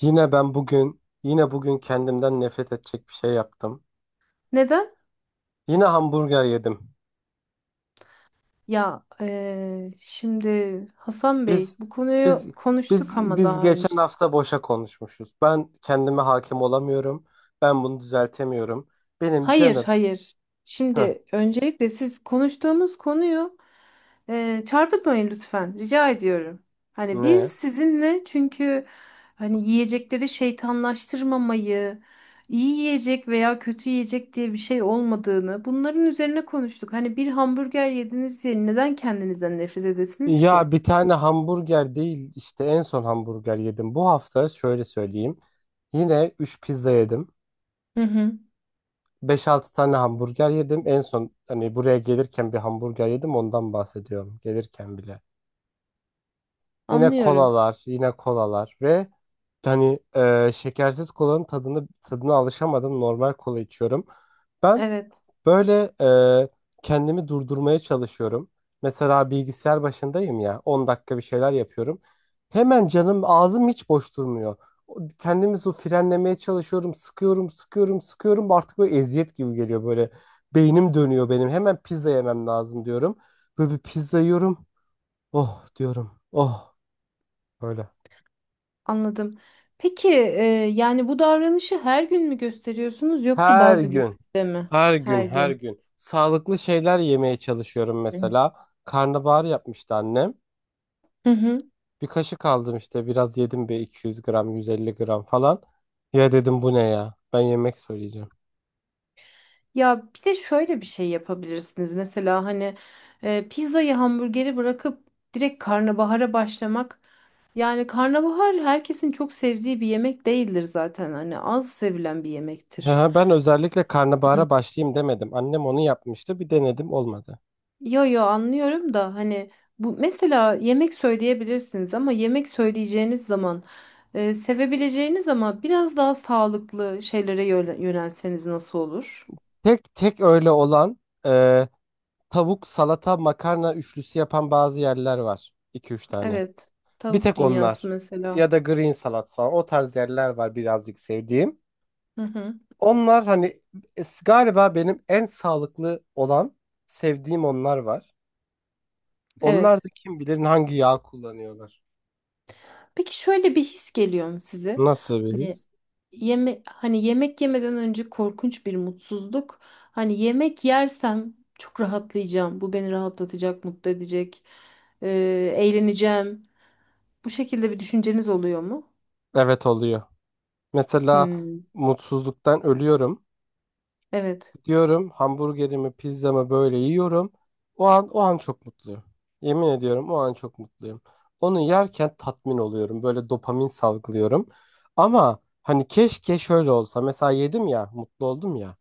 Yine ben bugün, yine bugün kendimden nefret edecek bir şey yaptım. Neden? Yine hamburger yedim. Ya şimdi Hasan Bey Biz, bu biz, konuyu konuştuk biz, ama biz daha önce. geçen hafta boşa konuşmuşuz. Ben kendime hakim olamıyorum. Ben bunu düzeltemiyorum. Benim Hayır canım. hayır. Heh, Şimdi öncelikle siz konuştuğumuz konuyu çarpıtmayın lütfen. Rica ediyorum. Hani biz ne? sizinle çünkü hani yiyecekleri şeytanlaştırmamayı, iyi yiyecek veya kötü yiyecek diye bir şey olmadığını bunların üzerine konuştuk. Hani bir hamburger yediniz diye neden kendinizden nefret edesiniz ki? Ya bir tane hamburger değil işte en son hamburger yedim. Bu hafta şöyle söyleyeyim. Yine 3 pizza yedim. Hı hı, Beş altı tane hamburger yedim. En son hani buraya gelirken bir hamburger yedim ondan bahsediyorum. Gelirken bile. Yine anlıyorum. kolalar, yine kolalar ve hani şekersiz kolanın tadını tadına alışamadım. Normal kola içiyorum. Ben Evet. böyle e, kendimi durdurmaya çalışıyorum. Mesela bilgisayar başındayım ya 10 dakika bir şeyler yapıyorum. Hemen canım ağzım hiç boş durmuyor. Kendimi su frenlemeye çalışıyorum. Sıkıyorum, sıkıyorum, sıkıyorum. Artık böyle eziyet gibi geliyor böyle. Beynim dönüyor benim. Hemen pizza yemem lazım diyorum. Böyle bir pizza yiyorum. Oh diyorum. Oh böyle. Anladım. Peki yani bu davranışı her gün mü gösteriyorsunuz yoksa Her bazı gün, günlerde mi? her gün, Her her gün. gün sağlıklı şeyler yemeye çalışıyorum Hı. mesela. Karnabahar yapmıştı annem. Hı hı. Bir kaşık aldım işte biraz yedim bir 200 gram, 150 gram falan. Ya dedim bu ne ya? Ben yemek söyleyeceğim. Ya bir de şöyle bir şey yapabilirsiniz. Mesela hani pizzayı hamburgeri bırakıp direkt karnabahara başlamak. Yani karnabahar herkesin çok sevdiği bir yemek değildir zaten. Hani az sevilen bir yemektir. Ya ben özellikle karnabahara başlayayım demedim. Annem onu yapmıştı. Bir denedim olmadı. Yo yo anlıyorum da hani bu mesela yemek söyleyebilirsiniz ama yemek söyleyeceğiniz zaman sevebileceğiniz ama biraz daha sağlıklı şeylere yönelseniz nasıl olur? Tek tek öyle olan e, tavuk, salata, makarna üçlüsü yapan bazı yerler var. 2 üç tane. Evet. Bir Tavuk tek dünyası onlar ya mesela. da green salat falan o tarz yerler var birazcık sevdiğim. Hı hı. Onlar hani galiba benim en sağlıklı olan sevdiğim onlar var. Onlar Evet. da kim bilir hangi yağ kullanıyorlar. Peki şöyle bir his geliyor mu size? Nasıl bir Hani his? yeme Hani yemek yemeden önce korkunç bir mutsuzluk. Hani yemek yersem çok rahatlayacağım. Bu beni rahatlatacak, mutlu edecek. e, Eğleneceğim. Bu şekilde bir düşünceniz oluyor mu? Evet oluyor. Mesela Hmm, mutsuzluktan ölüyorum. evet. Diyorum hamburgerimi, pizzamı böyle yiyorum. O an o an çok mutluyum. Yemin ediyorum o an çok mutluyum. Onu yerken tatmin oluyorum. Böyle dopamin salgılıyorum. Ama hani keşke şöyle olsa. Mesela yedim ya, mutlu oldum ya.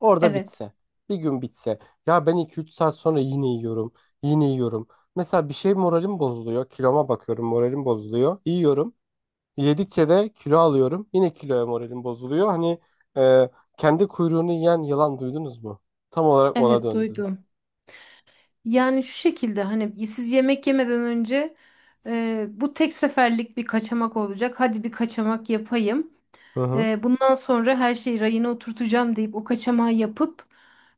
Orada Evet. bitse. Bir gün bitse. Ya ben iki üç saat sonra yine yiyorum. Yine yiyorum. Mesela bir şey moralim bozuluyor. Kiloma bakıyorum, moralim bozuluyor. Yiyorum. Yedikçe de kilo alıyorum. Yine kiloya moralim bozuluyor. Hani e, kendi kuyruğunu yiyen yılan duydunuz mu? Tam olarak ona Evet döndü. duydum. Yani şu şekilde hani siz yemek yemeden önce bu tek seferlik bir kaçamak olacak. Hadi bir kaçamak yapayım. Hı hı. Bundan sonra her şeyi rayına oturtacağım deyip o kaçamağı yapıp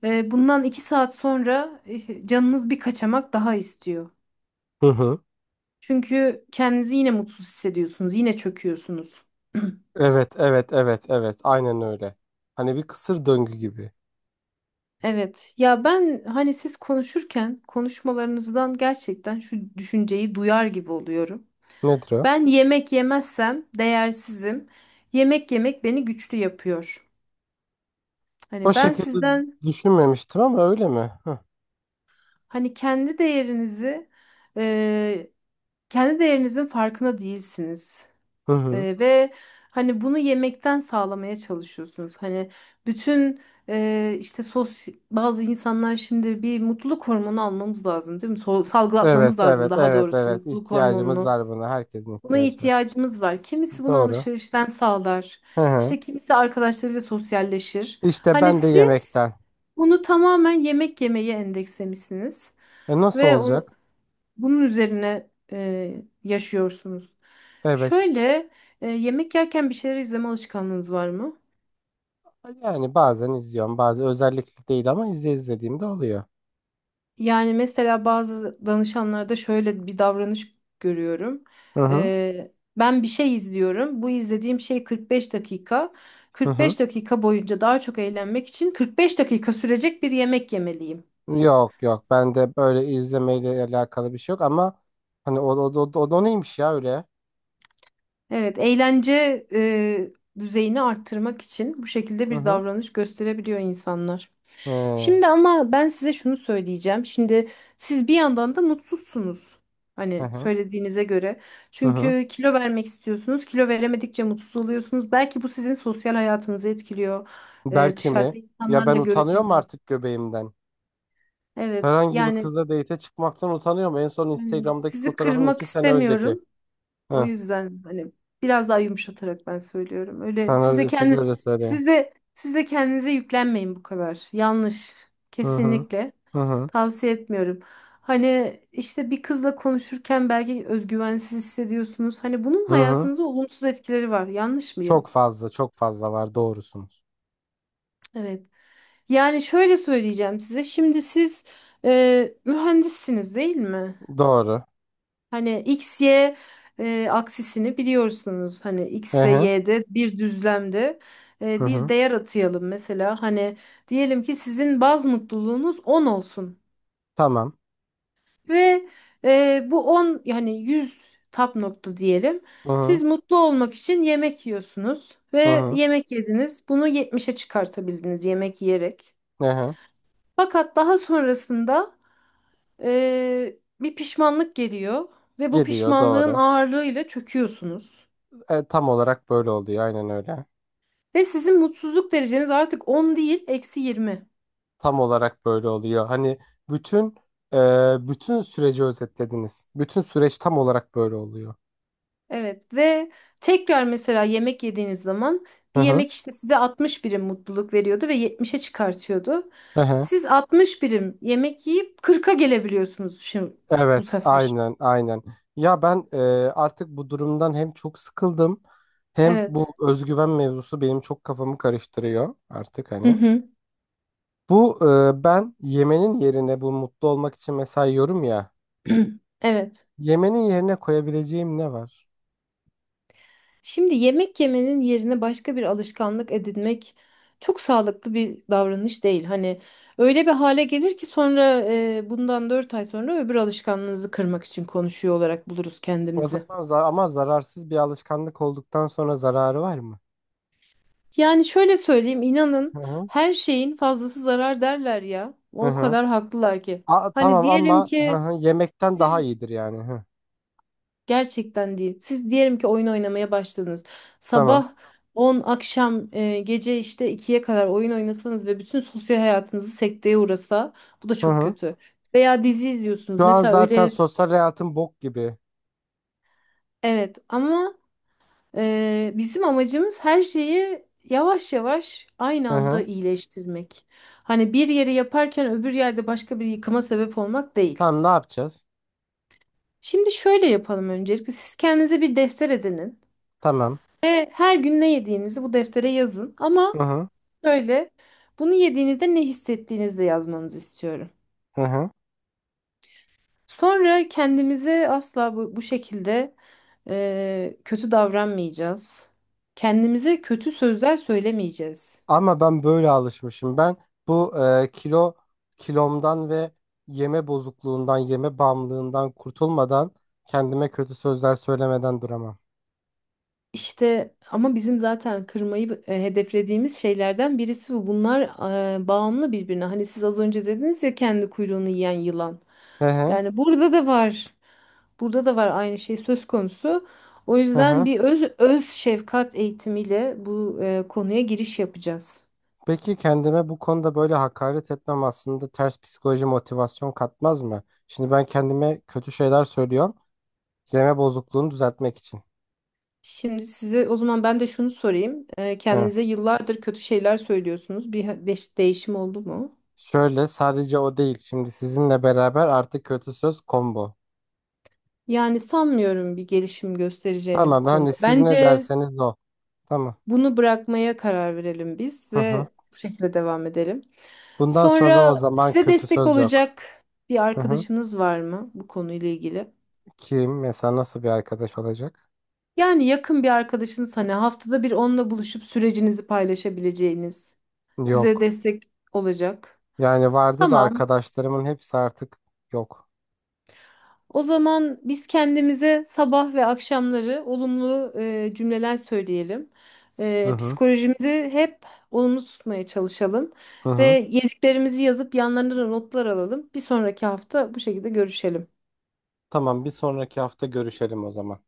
bundan 2 saat sonra canınız bir kaçamak daha istiyor. Hı hı. Çünkü kendinizi yine mutsuz hissediyorsunuz. Yine çöküyorsunuz. Evet, evet, evet, evet. Aynen öyle. Hani bir kısır döngü gibi. Evet, ya ben hani siz konuşurken konuşmalarınızdan gerçekten şu düşünceyi duyar gibi oluyorum. Nedir o? Ben yemek yemezsem değersizim. Yemek yemek beni güçlü yapıyor. O Hani ben şekilde sizden, düşünmemiştim ama öyle mi? Hı hani kendi değerinizi, e, kendi değerinizin farkına değilsiniz. hı. Hı. Ve hani bunu yemekten sağlamaya çalışıyorsunuz. Hani bütün işte sos bazı insanlar, şimdi bir mutluluk hormonu almamız lazım değil mi? Evet, Salgılatmamız lazım evet, daha evet, doğrusu evet. mutluluk İhtiyacımız hormonunu. var buna. Herkesin Buna ihtiyacı var. ihtiyacımız var. Kimisi bunu Doğru. alışverişten sağlar. Hı hı. İşte kimisi arkadaşlarıyla sosyalleşir. İşte Hani ben de siz yemekten. bunu tamamen yemek yemeye endekslemişsiniz. E nasıl Ve onu, olacak? bunun üzerine e, yaşıyorsunuz. Evet. Şöyle yemek yerken bir şeyler izleme alışkanlığınız var mı? Yani bazen izliyorum, bazen özellikle değil ama izlediğimde oluyor. Yani mesela bazı danışanlarda şöyle bir davranış görüyorum. Hı hı, Ben bir şey izliyorum. Bu izlediğim şey 45 dakika. hı hı. 45 dakika boyunca daha çok eğlenmek için 45 dakika sürecek bir yemek yemeliyim. Yok yok, bende böyle izlemeyle alakalı bir şey yok ama hani o neymiş ya öyle? Evet, eğlence düzeyini arttırmak için bu şekilde Hı bir hı. davranış gösterebiliyor insanlar. He, Şimdi ama ben size şunu söyleyeceğim. Şimdi siz bir yandan da mutsuzsunuz. hı Hani hı. söylediğinize göre. Hı hı. Çünkü kilo vermek istiyorsunuz. Kilo veremedikçe mutsuz oluyorsunuz. Belki bu sizin sosyal hayatınızı etkiliyor. Belki mi? Dışarıda Ya ben insanlarla utanıyorum görüşemiyorsunuz. artık göbeğimden. Evet, Herhangi bir yani kızla date'e çıkmaktan utanıyorum. En son hani Instagram'daki sizi fotoğrafım kırmak iki sene önceki. istemiyorum. O Hı. yüzden hani biraz daha yumuşatarak ben söylüyorum. Öyle Sen siz de öyle, siz kendi öyle söyleyin. siz de siz de kendinize yüklenmeyin bu kadar. Yanlış. Hı hı. Kesinlikle Hı hı. tavsiye etmiyorum. Hani işte bir kızla konuşurken belki özgüvensiz hissediyorsunuz. Hani bunun Hı hı. hayatınıza olumsuz etkileri var. Yanlış mıyım? Çok fazla, çok fazla var. Doğrusunuz. Evet. Yani şöyle söyleyeceğim size. Şimdi siz mühendissiniz değil mi? Doğru. Hani X, Y aksisini biliyorsunuz. Hani Hı X ve hı. Y'de bir düzlemde Hı bir hı. değer atayalım mesela. Hani diyelim ki sizin baz mutluluğunuz 10 olsun. Tamam. Ve bu 10, yani 100 tap nokta diyelim. Hı hı. Siz mutlu olmak için yemek yiyorsunuz Hı ve hı. yemek yediniz. Bunu 70'e çıkartabildiniz yemek yiyerek. Hı hı. Fakat daha sonrasında bir pişmanlık geliyor ve bu Gidiyor pişmanlığın doğru. ağırlığıyla çöküyorsunuz. E, tam olarak böyle oluyor. Aynen öyle. Ve sizin mutsuzluk dereceniz artık 10 değil, -20. Tam olarak böyle oluyor. Hani bütün bütün süreci özetlediniz. Bütün süreç tam olarak böyle oluyor. Evet, ve tekrar mesela yemek yediğiniz zaman Hı bir hı. yemek işte size 60 birim mutluluk veriyordu ve 70'e çıkartıyordu. Hı hı. Siz 60 birim yemek yiyip 40'a gelebiliyorsunuz şimdi bu Evet, sefer. aynen, aynen. Ya ben artık bu durumdan hem çok sıkıldım hem bu Evet. özgüven mevzusu benim çok kafamı karıştırıyor artık Hı hani. hı. Bu ben yemenin yerine bu mutlu olmak için mesela yiyorum ya. Evet. Yemenin yerine koyabileceğim ne var? Şimdi yemek yemenin yerine başka bir alışkanlık edinmek çok sağlıklı bir davranış değil. Hani öyle bir hale gelir ki sonra bundan 4 ay sonra öbür alışkanlığınızı kırmak için konuşuyor olarak buluruz O kendimizi. zaman ama zararsız bir alışkanlık olduktan sonra zararı var mı? Yani şöyle söyleyeyim, Hı inanın, hı. her şeyin fazlası zarar derler ya. Hı O hı. kadar haklılar ki. Hani Tamam diyelim ama hı ki hı, yemekten daha siz, iyidir yani. Hı. gerçekten değil. Siz diyelim ki oyun oynamaya başladınız. Tamam. Sabah 10, akşam gece işte ikiye kadar oyun oynasanız ve bütün sosyal hayatınızı sekteye uğrasa, bu da Hı çok hı. kötü. Veya dizi izliyorsunuz. Şu an Mesela zaten öyle, sosyal hayatım bok gibi. evet, ama bizim amacımız her şeyi yavaş yavaş aynı Hı anda hı. iyileştirmek. Hani bir yeri yaparken öbür yerde başka bir yıkıma sebep olmak değil. Tamam ne yapacağız? Şimdi şöyle yapalım öncelikle. Siz kendinize bir defter edinin. Tamam. Ve her gün ne yediğinizi bu deftere yazın. Ama Hı hı. şöyle, bunu yediğinizde ne hissettiğinizi de yazmanızı istiyorum. Hı hı. Sonra kendimize asla bu şekilde kötü davranmayacağız. Kendimize kötü sözler söylemeyeceğiz. Ama ben böyle alışmışım. Ben bu kilomdan ve yeme bozukluğundan, yeme bağımlılığından kurtulmadan kendime kötü sözler söylemeden duramam. İşte ama bizim zaten kırmayı hedeflediğimiz şeylerden birisi bu. Bunlar bağımlı birbirine. Hani siz az önce dediniz ya, kendi kuyruğunu yiyen yılan. Hı hı. Yani burada da var. Burada da var, aynı şey söz konusu. O Hı yüzden hı. bir öz şefkat eğitimiyle bu konuya giriş yapacağız. Peki kendime bu konuda böyle hakaret etmem aslında ters psikoloji motivasyon katmaz mı? Şimdi ben kendime kötü şeyler söylüyorum. Yeme bozukluğunu düzeltmek için. Şimdi size o zaman ben de şunu sorayım. Hı. Kendinize yıllardır kötü şeyler söylüyorsunuz. Bir değişim oldu mu? Şöyle sadece o değil. Şimdi sizinle beraber artık kötü söz combo. Yani sanmıyorum bir gelişim göstereceğini bu Tamam hani konuda. siz ne Bence, derseniz o. Tamam. bunu bırakmaya karar verelim biz Hı hı. ve bu şekilde devam edelim. Bundan sonra Sonra o zaman size kötü destek söz yok. olacak bir Hı hı. arkadaşınız var mı bu konuyla ilgili? Kim mesela nasıl bir arkadaş olacak? Yani yakın bir arkadaşınız, hani haftada bir onunla buluşup sürecinizi paylaşabileceğiniz, size Yok. destek olacak. Yani vardı da Tamam. arkadaşlarımın hepsi artık yok. O zaman biz kendimize sabah ve akşamları olumlu cümleler söyleyelim. Hı hı. Psikolojimizi hep olumlu tutmaya çalışalım Hı ve hı. yediklerimizi yazıp yanlarına da notlar alalım. Bir sonraki hafta bu şekilde görüşelim. Tamam, bir sonraki hafta görüşelim o zaman.